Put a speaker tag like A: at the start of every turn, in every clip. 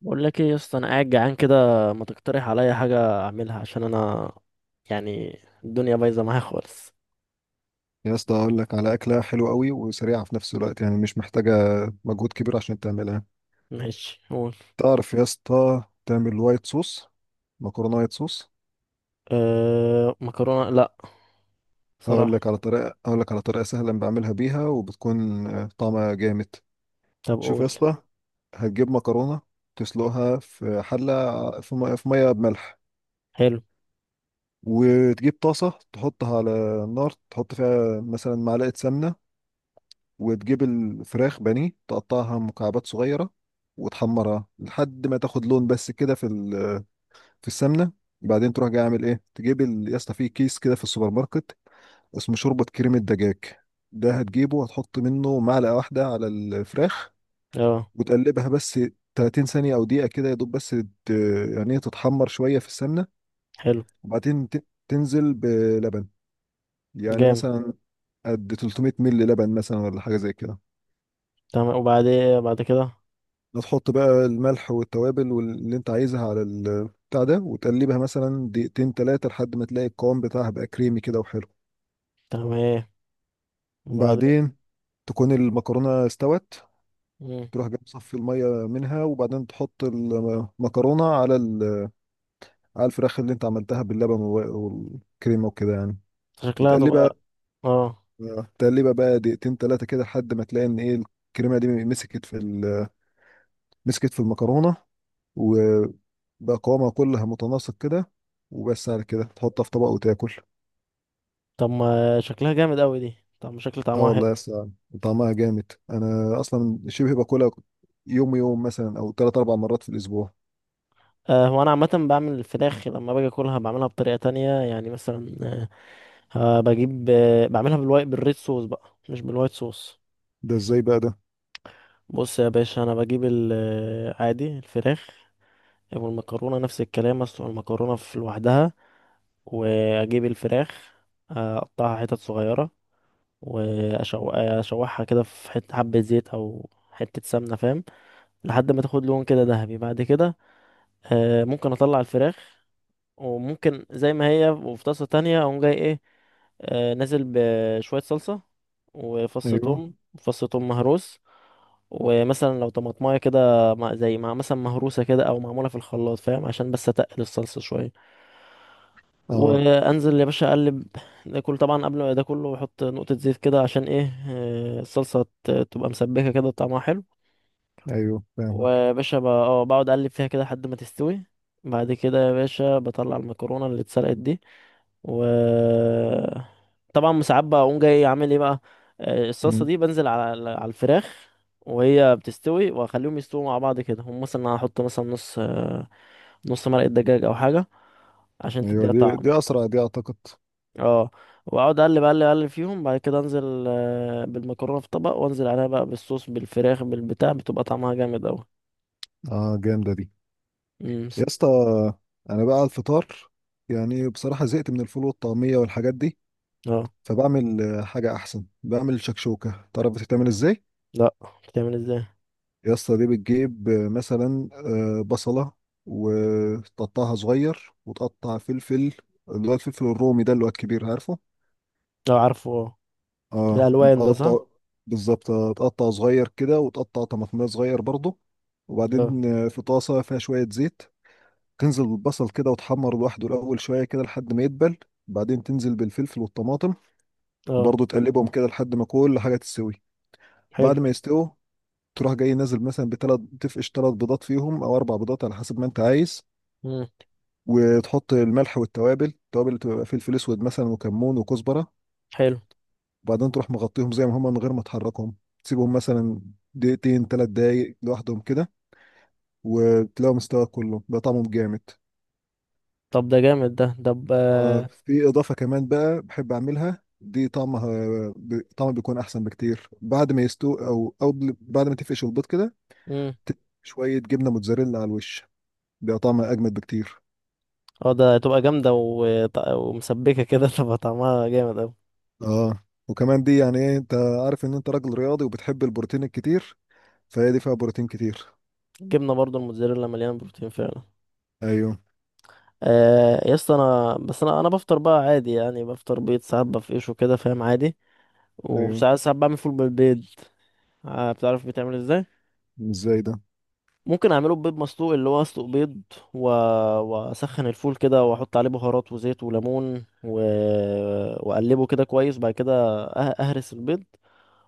A: بقول لك ايه يا اسطى، انا قاعد جعان كده. ما تقترح عليا حاجه اعملها عشان انا الدنيا بايظه معايا خالص.
B: يا اسطى، اقول لك على اكله حلوه قوي وسريعه في نفس الوقت، يعني مش محتاجه مجهود كبير عشان تعملها.
A: ماشي قول.
B: تعرف يا اسطى تعمل وايت صوص؟ مكرونه وايت صوص.
A: أه مكرونه؟ لا
B: اقول
A: صراحه.
B: لك على طريقه اقول لك على طريقه سهله بعملها بيها، وبتكون طعمها جامد.
A: طب
B: شوف يا
A: قول.
B: اسطى، هتجيب مكرونه تسلقها في حله في ميه، في ميه بملح.
A: حلو.
B: وتجيب طاسه تحطها على النار، تحط فيها مثلا معلقه سمنه، وتجيب الفراخ بانيه تقطعها مكعبات صغيرة، وتحمرها لحد ما تاخد لون بس كده، في السمنة. بعدين تروح جاي عامل ايه، تجيب يا اسطى في كيس كده في السوبر ماركت اسمه شوربة كريمة دجاج، ده هتجيبه وهتحط منه معلقة واحدة على الفراخ،
A: اه
B: وتقلبها بس 30 ثانية أو دقيقة كده يا دوب، بس ت- يعني إيه، تتحمر شوية في السمنة.
A: حلو
B: وبعدين تنزل بلبن، يعني
A: جامد.
B: مثلا قد 300 مل لبن مثلا، ولا حاجة زي كده.
A: تمام وبعدين بعد كده؟
B: هتحط بقى الملح والتوابل واللي انت عايزها على البتاع ده، وتقلبها مثلا دقيقتين تلاتة لحد ما تلاقي القوام بتاعها بقى كريمي كده وحلو.
A: تمام ايه وبعدين؟
B: بعدين تكون المكرونة استوت،
A: مم.
B: تروح جاي مصفي المية منها، وبعدين تحط المكرونة على على الفراخ اللي انت عملتها باللبن والكريمة وكده يعني.
A: شكلها تبقى
B: وتقلبها،
A: اه.
B: تقلبها بقى دقيقتين تلاتة كده لحد ما تلاقي ان ايه، الكريمة دي مسكت مسكت في المكرونة، بقى قوامها كلها متناسق كده. وبس، على كده تحطها في طبق وتاكل.
A: طب ما شكلها جامد قوي دي، طب ما شكل
B: اه
A: طعمها
B: والله
A: حلو.
B: يا اسطى، طعمها جامد، انا اصلا شبه باكلها يوم يوم مثلا، او ثلاث اربع مرات في الاسبوع.
A: أه هو انا عامه بعمل الفراخ لما باجي اكلها بعملها بطريقه تانية. مثلا ها بجيب، بعملها بالوايت، بالريد صوص بقى مش بالوايت صوص.
B: ده ازاي بقى ده؟
A: بص يا باشا، انا بجيب عادي الفراخ والمكرونه نفس الكلام. اسلق المكرونه في لوحدها، واجيب الفراخ اقطعها حتت صغيره، واشوحها كده في حته حبه زيت او حته سمنه فاهم، لحد ما تاخد لون كده ذهبي. بعد كده ممكن اطلع الفراخ، وممكن زي ما هي، وفي طاسة تانية اقوم جاي ايه، نازل بشوية صلصة وفص
B: ايوه.
A: ثوم، فص ثوم مهروس. ومثلا لو طماطمايه كده زي مع مثلا مهروسة كده او معمولة في الخلاط فاهم، عشان بس اتقل الصلصة شوية.
B: اه.
A: وانزل يا باشا اقلب. ده كله طبعا قبل ما ده كله احط نقطة زيت كده عشان ايه، الصلصة تبقى مسبكة كده طعمها حلو.
B: ايوه، فاهمك.
A: ويا باشا بقعد اقلب فيها كده لحد ما تستوي. بعد كده يا باشا بطلع المكرونة اللي اتسلقت دي، و طبعا ساعات بقوم جاي عامل ايه بقى، الصلصه
B: مم.
A: دي بنزل على الفراخ وهي بتستوي، واخليهم يستووا مع بعض كده. هم مثلا أنا هحط مثلا نص مرقه دجاج او حاجه عشان
B: ايوه،
A: تديها
B: دي
A: طعم.
B: دي اسرع دي اعتقد.
A: اه، واقعد اقلب اقلب فيهم. بعد كده انزل بالمكرونه في طبق، وانزل عليها بقى بالصوص بالفراخ بالبتاع، بتبقى طعمها جامد اوي.
B: اه، جامده دي.
A: امم.
B: يا اسطى، انا بقى على الفطار، يعني بصراحه زهقت من الفول والطعميه والحاجات دي،
A: اه.
B: فبعمل حاجه احسن، بعمل شكشوكه. تعرف بتتعمل ازاي؟
A: لا، بتعمل ازاي؟
B: يا اسطى دي بتجيب مثلا بصلة، وتقطعها صغير، وتقطع فلفل، اللي هو الفلفل الرومي ده، اللي هو الكبير، عارفه؟
A: اه عارفه اه.
B: اه.
A: الالوان ده صح.
B: تقطع، بالظبط، تقطع صغير كده، وتقطع طماطمية صغير برضه.
A: اه.
B: وبعدين في طاسة فيها شوية زيت، تنزل بالبصل كده وتحمر لوحده الأول شوية كده لحد ما يدبل. بعدين تنزل بالفلفل والطماطم،
A: اه.
B: وبرضه تقلبهم كده لحد ما كل حاجة تستوي.
A: حلو.
B: بعد ما يستووا، تروح جاي نازل مثلا بثلاث، تفقش ثلاث بيضات فيهم، او اربع بيضات على حسب ما انت عايز.
A: امم.
B: وتحط الملح والتوابل، التوابل اللي بتبقى فلفل اسود مثلا، وكمون، وكزبره.
A: حلو.
B: وبعدين تروح مغطيهم زي ما هم من غير ما تحركهم، تسيبهم مثلا دقيقتين ثلاث دقايق لوحدهم كده، وتلاقوا مستوى كله، بقى طعمهم جامد.
A: طب ده جامد ده. طب
B: آه،
A: آه،
B: في اضافه كمان بقى بحب اعملها دي، طعمها طعمها بيكون احسن بكتير. بعد ما يستوي، او بعد ما تفقش البيض كده،
A: مم.
B: تدي شويه جبنه موتزاريلا على الوش، بيبقى طعمها اجمد بكتير.
A: اه ده هتبقى جامدة ومسبكة كده تبقى طعمها جامد اوي.
B: اه، وكمان دي يعني ايه، انت عارف ان انت راجل رياضي وبتحب البروتين الكتير، فهي دي فيها بروتين كتير.
A: الجبنة برضو الموتزاريلا مليانة بروتين فعلا.
B: ايوه.
A: آه يا اسطى، انا بس انا انا بفطر بقى عادي. يعني بفطر بيض ساعات بفقشه كده فاهم عادي.
B: ايوه.
A: وساعات بعمل فول بالبيض. بتعرف بيتعمل ازاي؟
B: ازاي ده؟
A: ممكن اعمله ببيض مسلوق، اللي هو اسلق بيض و... واسخن الفول كده واحط عليه بهارات وزيت وليمون و... واقلبه كده كويس. بعد كده اهرس البيض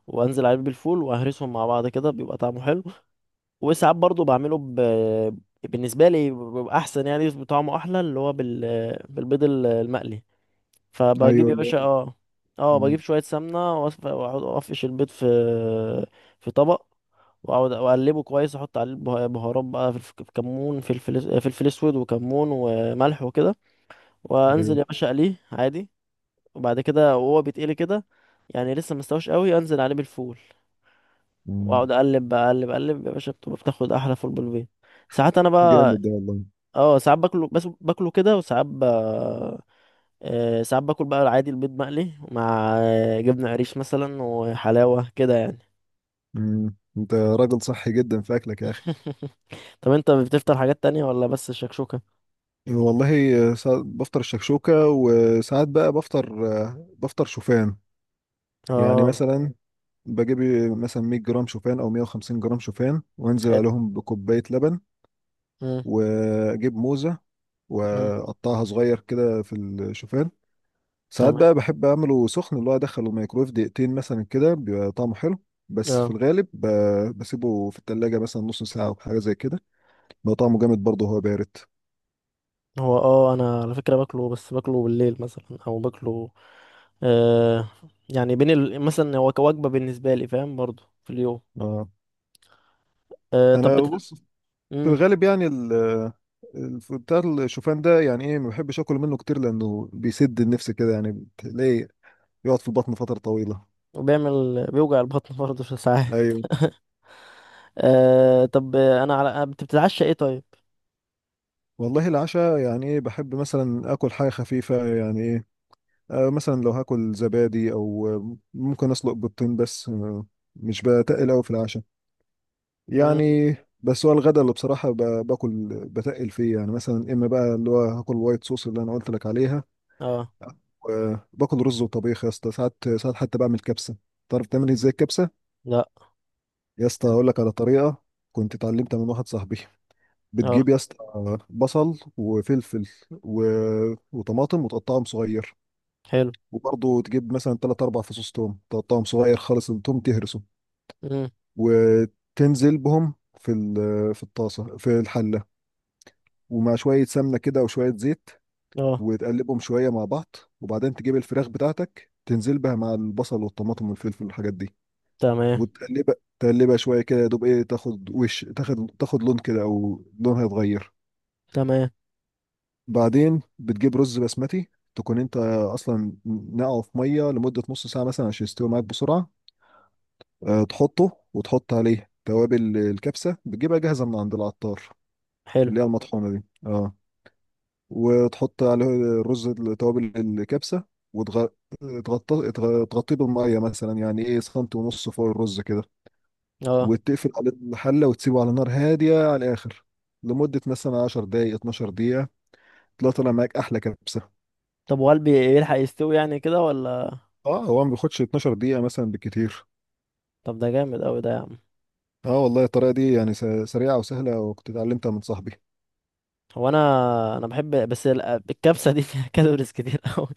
A: وانزل عليه بالفول، واهرسهم مع بعض كده بيبقى طعمه حلو. وساعات برضو بعمله ب... بالنسبه لي بيبقى احسن، يعني بيبقى طعمه احلى، اللي هو بال... المقلي. فبجيب
B: ايوه.
A: يا
B: لا.
A: باشا اه، اه
B: مم.
A: بجيب شويه سمنه واقعد افقش البيض في في طبق، واقعد اقلبه كويس، احط عليه بهارات بقى، في كمون، فلفل اسود وكمون وملح وكده. وانزل
B: ايوه.
A: يا باشا اقليه عادي. وبعد كده وهو بيتقلي كده، يعني لسه مستوش قوي، انزل عليه بالفول
B: مم.
A: واقعد اقلب بقى، اقلب يا باشا، بتبقى بتاخد احلى فول بالبيت. ساعات انا
B: جامد
A: بقى
B: ده والله.
A: اه ساعات باكله، بس باكله كده. وساعات ب... ساعات باكل بقى العادي، البيض مقلي مع جبنة قريش مثلا، وحلاوة كده يعني.
B: مم. انت راجل صحي جدا في اكلك يا اخي.
A: طب انت بتفطر حاجات تانية ولا بس الشكشوكة؟
B: والله ساعات بفطر الشكشوكة، وساعات بقى بفطر، بفطر شوفان. يعني
A: اه.
B: مثلا بجيب مثلا 100 جرام شوفان او 150 جرام شوفان، وانزل
A: حلو.
B: عليهم بكوباية لبن،
A: مم،
B: واجيب موزة
A: مم.
B: واقطعها صغير كده في الشوفان. ساعات
A: تمام.
B: بقى بحب اعمله سخن، اللي هو ادخله الميكرويف دقيقتين مثلا كده، بيبقى طعمه حلو. بس في
A: اه.
B: الغالب بسيبه في التلاجة مثلا نص ساعة او حاجة زي كده، بيبقى طعمه جامد برضه وهو بارد.
A: هو اه انا على فكرة باكله، بس باكله بالليل مثلا، او باكله آه، يعني بين ال... مثلا هو كوجبة بالنسبة لي فاهم، برضو في اليوم.
B: اه،
A: آه طب
B: انا
A: بت...
B: بص، في
A: مم.
B: الغالب يعني بتاع الشوفان ده يعني ايه، ما بحبش اكل منه كتير لانه بيسد النفس كده، يعني بتلاقيه يقعد في البطن فترة طويلة.
A: وبيعمل، بيوجع البطن برضه في ساعات.
B: ايوه.
A: آه طب انا على، انت بتتعشى ايه طيب؟
B: والله العشاء يعني ايه، بحب مثلا اكل حاجة خفيفة، يعني مثلا لو هاكل زبادي، او ممكن اسلق بيضتين بس. مش بتقل قوي في العشاء.
A: مم.
B: يعني بس هو الغدا اللي بصراحة باكل بتقل فيه، يعني مثلا اما بقى اللي هو هاكل وايت صوص اللي انا قلت لك عليها،
A: اه.
B: وباكل رز وطبيخ. يا اسطى ساعات، ساعات حتى بعمل كبسة. تعرف تعمل ازاي الكبسة؟
A: لا.
B: يا اسطى اقول لك على طريقة كنت اتعلمتها من واحد صاحبي.
A: اه.
B: بتجيب يا اسطى بصل وفلفل و... وطماطم، وتقطعهم صغير.
A: حلو.
B: وبرضه تجيب مثلا تلات أربع فصوص توم، تقطعهم صغير خالص، التوم تهرسه،
A: مم.
B: وتنزل بهم في الطاسة، في الحلة، ومع شوية سمنة كده وشوية زيت،
A: اه.
B: وتقلبهم شوية مع بعض. وبعدين تجيب الفراخ بتاعتك، تنزل بها مع البصل والطماطم والفلفل والحاجات دي،
A: تمام.
B: وتقلبها تقلبها شوية كده يا دوب، ايه، تاخد وش، تاخد لون كده، أو لونها يتغير.
A: تمام.
B: بعدين بتجيب رز بسمتي، تكون انت اصلا نقعه في ميه لمده نص ساعه مثلا عشان يستوي معاك بسرعه. تحطه، وتحط عليه توابل الكبسة، بتجيبها جاهزة من عند العطار،
A: حلو.
B: اللي هي المطحونة دي، اه. وتحط عليه الرز، توابل الكبسة، وتغطيه تغطيه بالمية، مثلا يعني ايه سنتي ونص فوق الرز كده.
A: اه
B: وتقفل على الحلة، وتسيبه على نار هادية على الآخر لمدة مثلا 10 دقايق 12 دقيقة، تلاقي طالع معاك أحلى كبسة.
A: طب والبي يلحق يستوي يعني كده ولا؟
B: اه، هو ما بياخدش 12 دقيقة مثلا بالكتير.
A: طب ده جامد قوي ده يا عم.
B: اه والله الطريقة دي يعني سريعة وسهلة، وكنت اتعلمتها من صاحبي.
A: هو انا، بحب بس الكبسة دي فيها كالوريز كتير قوي.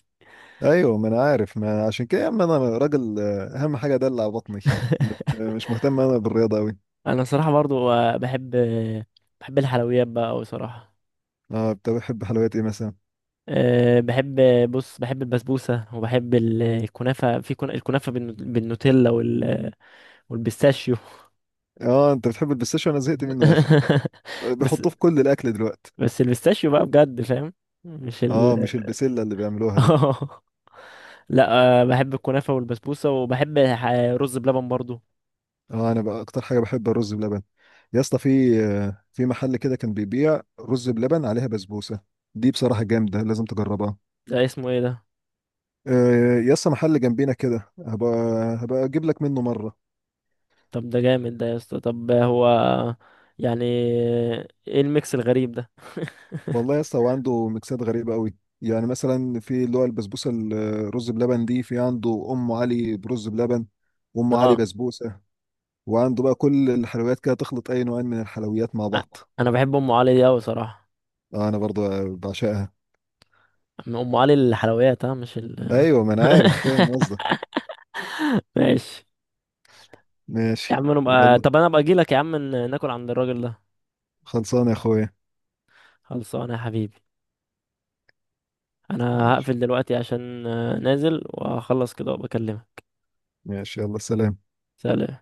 B: ايوه، ما انا عارف، ما عشان كده يا عم، انا راجل اهم حاجه ادلع بطني. مش مهتم انا بالرياضه قوي.
A: انا صراحة برضو بحب بحب الحلويات بقى قوي صراحة.
B: اه، انت بتحب حلويات ايه مثلا؟
A: أه بحب، بص بحب البسبوسة وبحب الكنافة، في الكنافة بالنوتيلا وال، والبيستاشيو.
B: اه، انت بتحب البistاشيو؟ انا زهقت منه يا اخي.
A: بس،
B: بيحطوه في كل الاكل دلوقتي.
A: بس البيستاشيو بقى بجد فاهم، مش
B: اه،
A: ال.
B: مش البسله اللي بيعملوها دي.
A: اه لا، أه بحب الكنافة والبسبوسة، وبحب رز بلبن برضو.
B: اه، انا بقى اكتر حاجه بحب الرز بلبن. يا اسطى، في محل كده كان بيبيع رز بلبن عليها بسبوسه، دي بصراحه جامده، لازم تجربها.
A: ده اسمه ايه ده؟
B: يا اسطى، محل جنبينا كده، هبقى، هبقى اجيب لك منه مره.
A: طب ده جامد ده يا اسطى. طب هو يعني ايه الميكس الغريب ده؟
B: والله يا اسطى، هو عنده ميكسات غريبة قوي. يعني مثلا في اللي هو البسبوسة الرز بلبن دي، في عنده أم علي برز بلبن، وأم علي
A: اه.
B: بسبوسة، وعنده بقى كل الحلويات كده، تخلط أي نوعين من الحلويات مع
A: أ-
B: بعض.
A: انا بحب ام علي دي اوي صراحة.
B: آه، أنا برضو بعشقها.
A: ام علي الحلويات، ها مش ال.
B: أيوة، ما أنا عارف، فاهم قصدك.
A: ماشي. يا
B: ماشي.
A: عم انا بقى...
B: يلا،
A: طب انا ابقى اجي لك يا عم ناكل عند الراجل ده.
B: خلصانة يا أخويا.
A: خلصانه يا حبيبي. انا
B: ماشي،
A: هقفل دلوقتي عشان نازل واخلص كده وبكلمك.
B: ماشي، يلا، سلام.
A: سلام.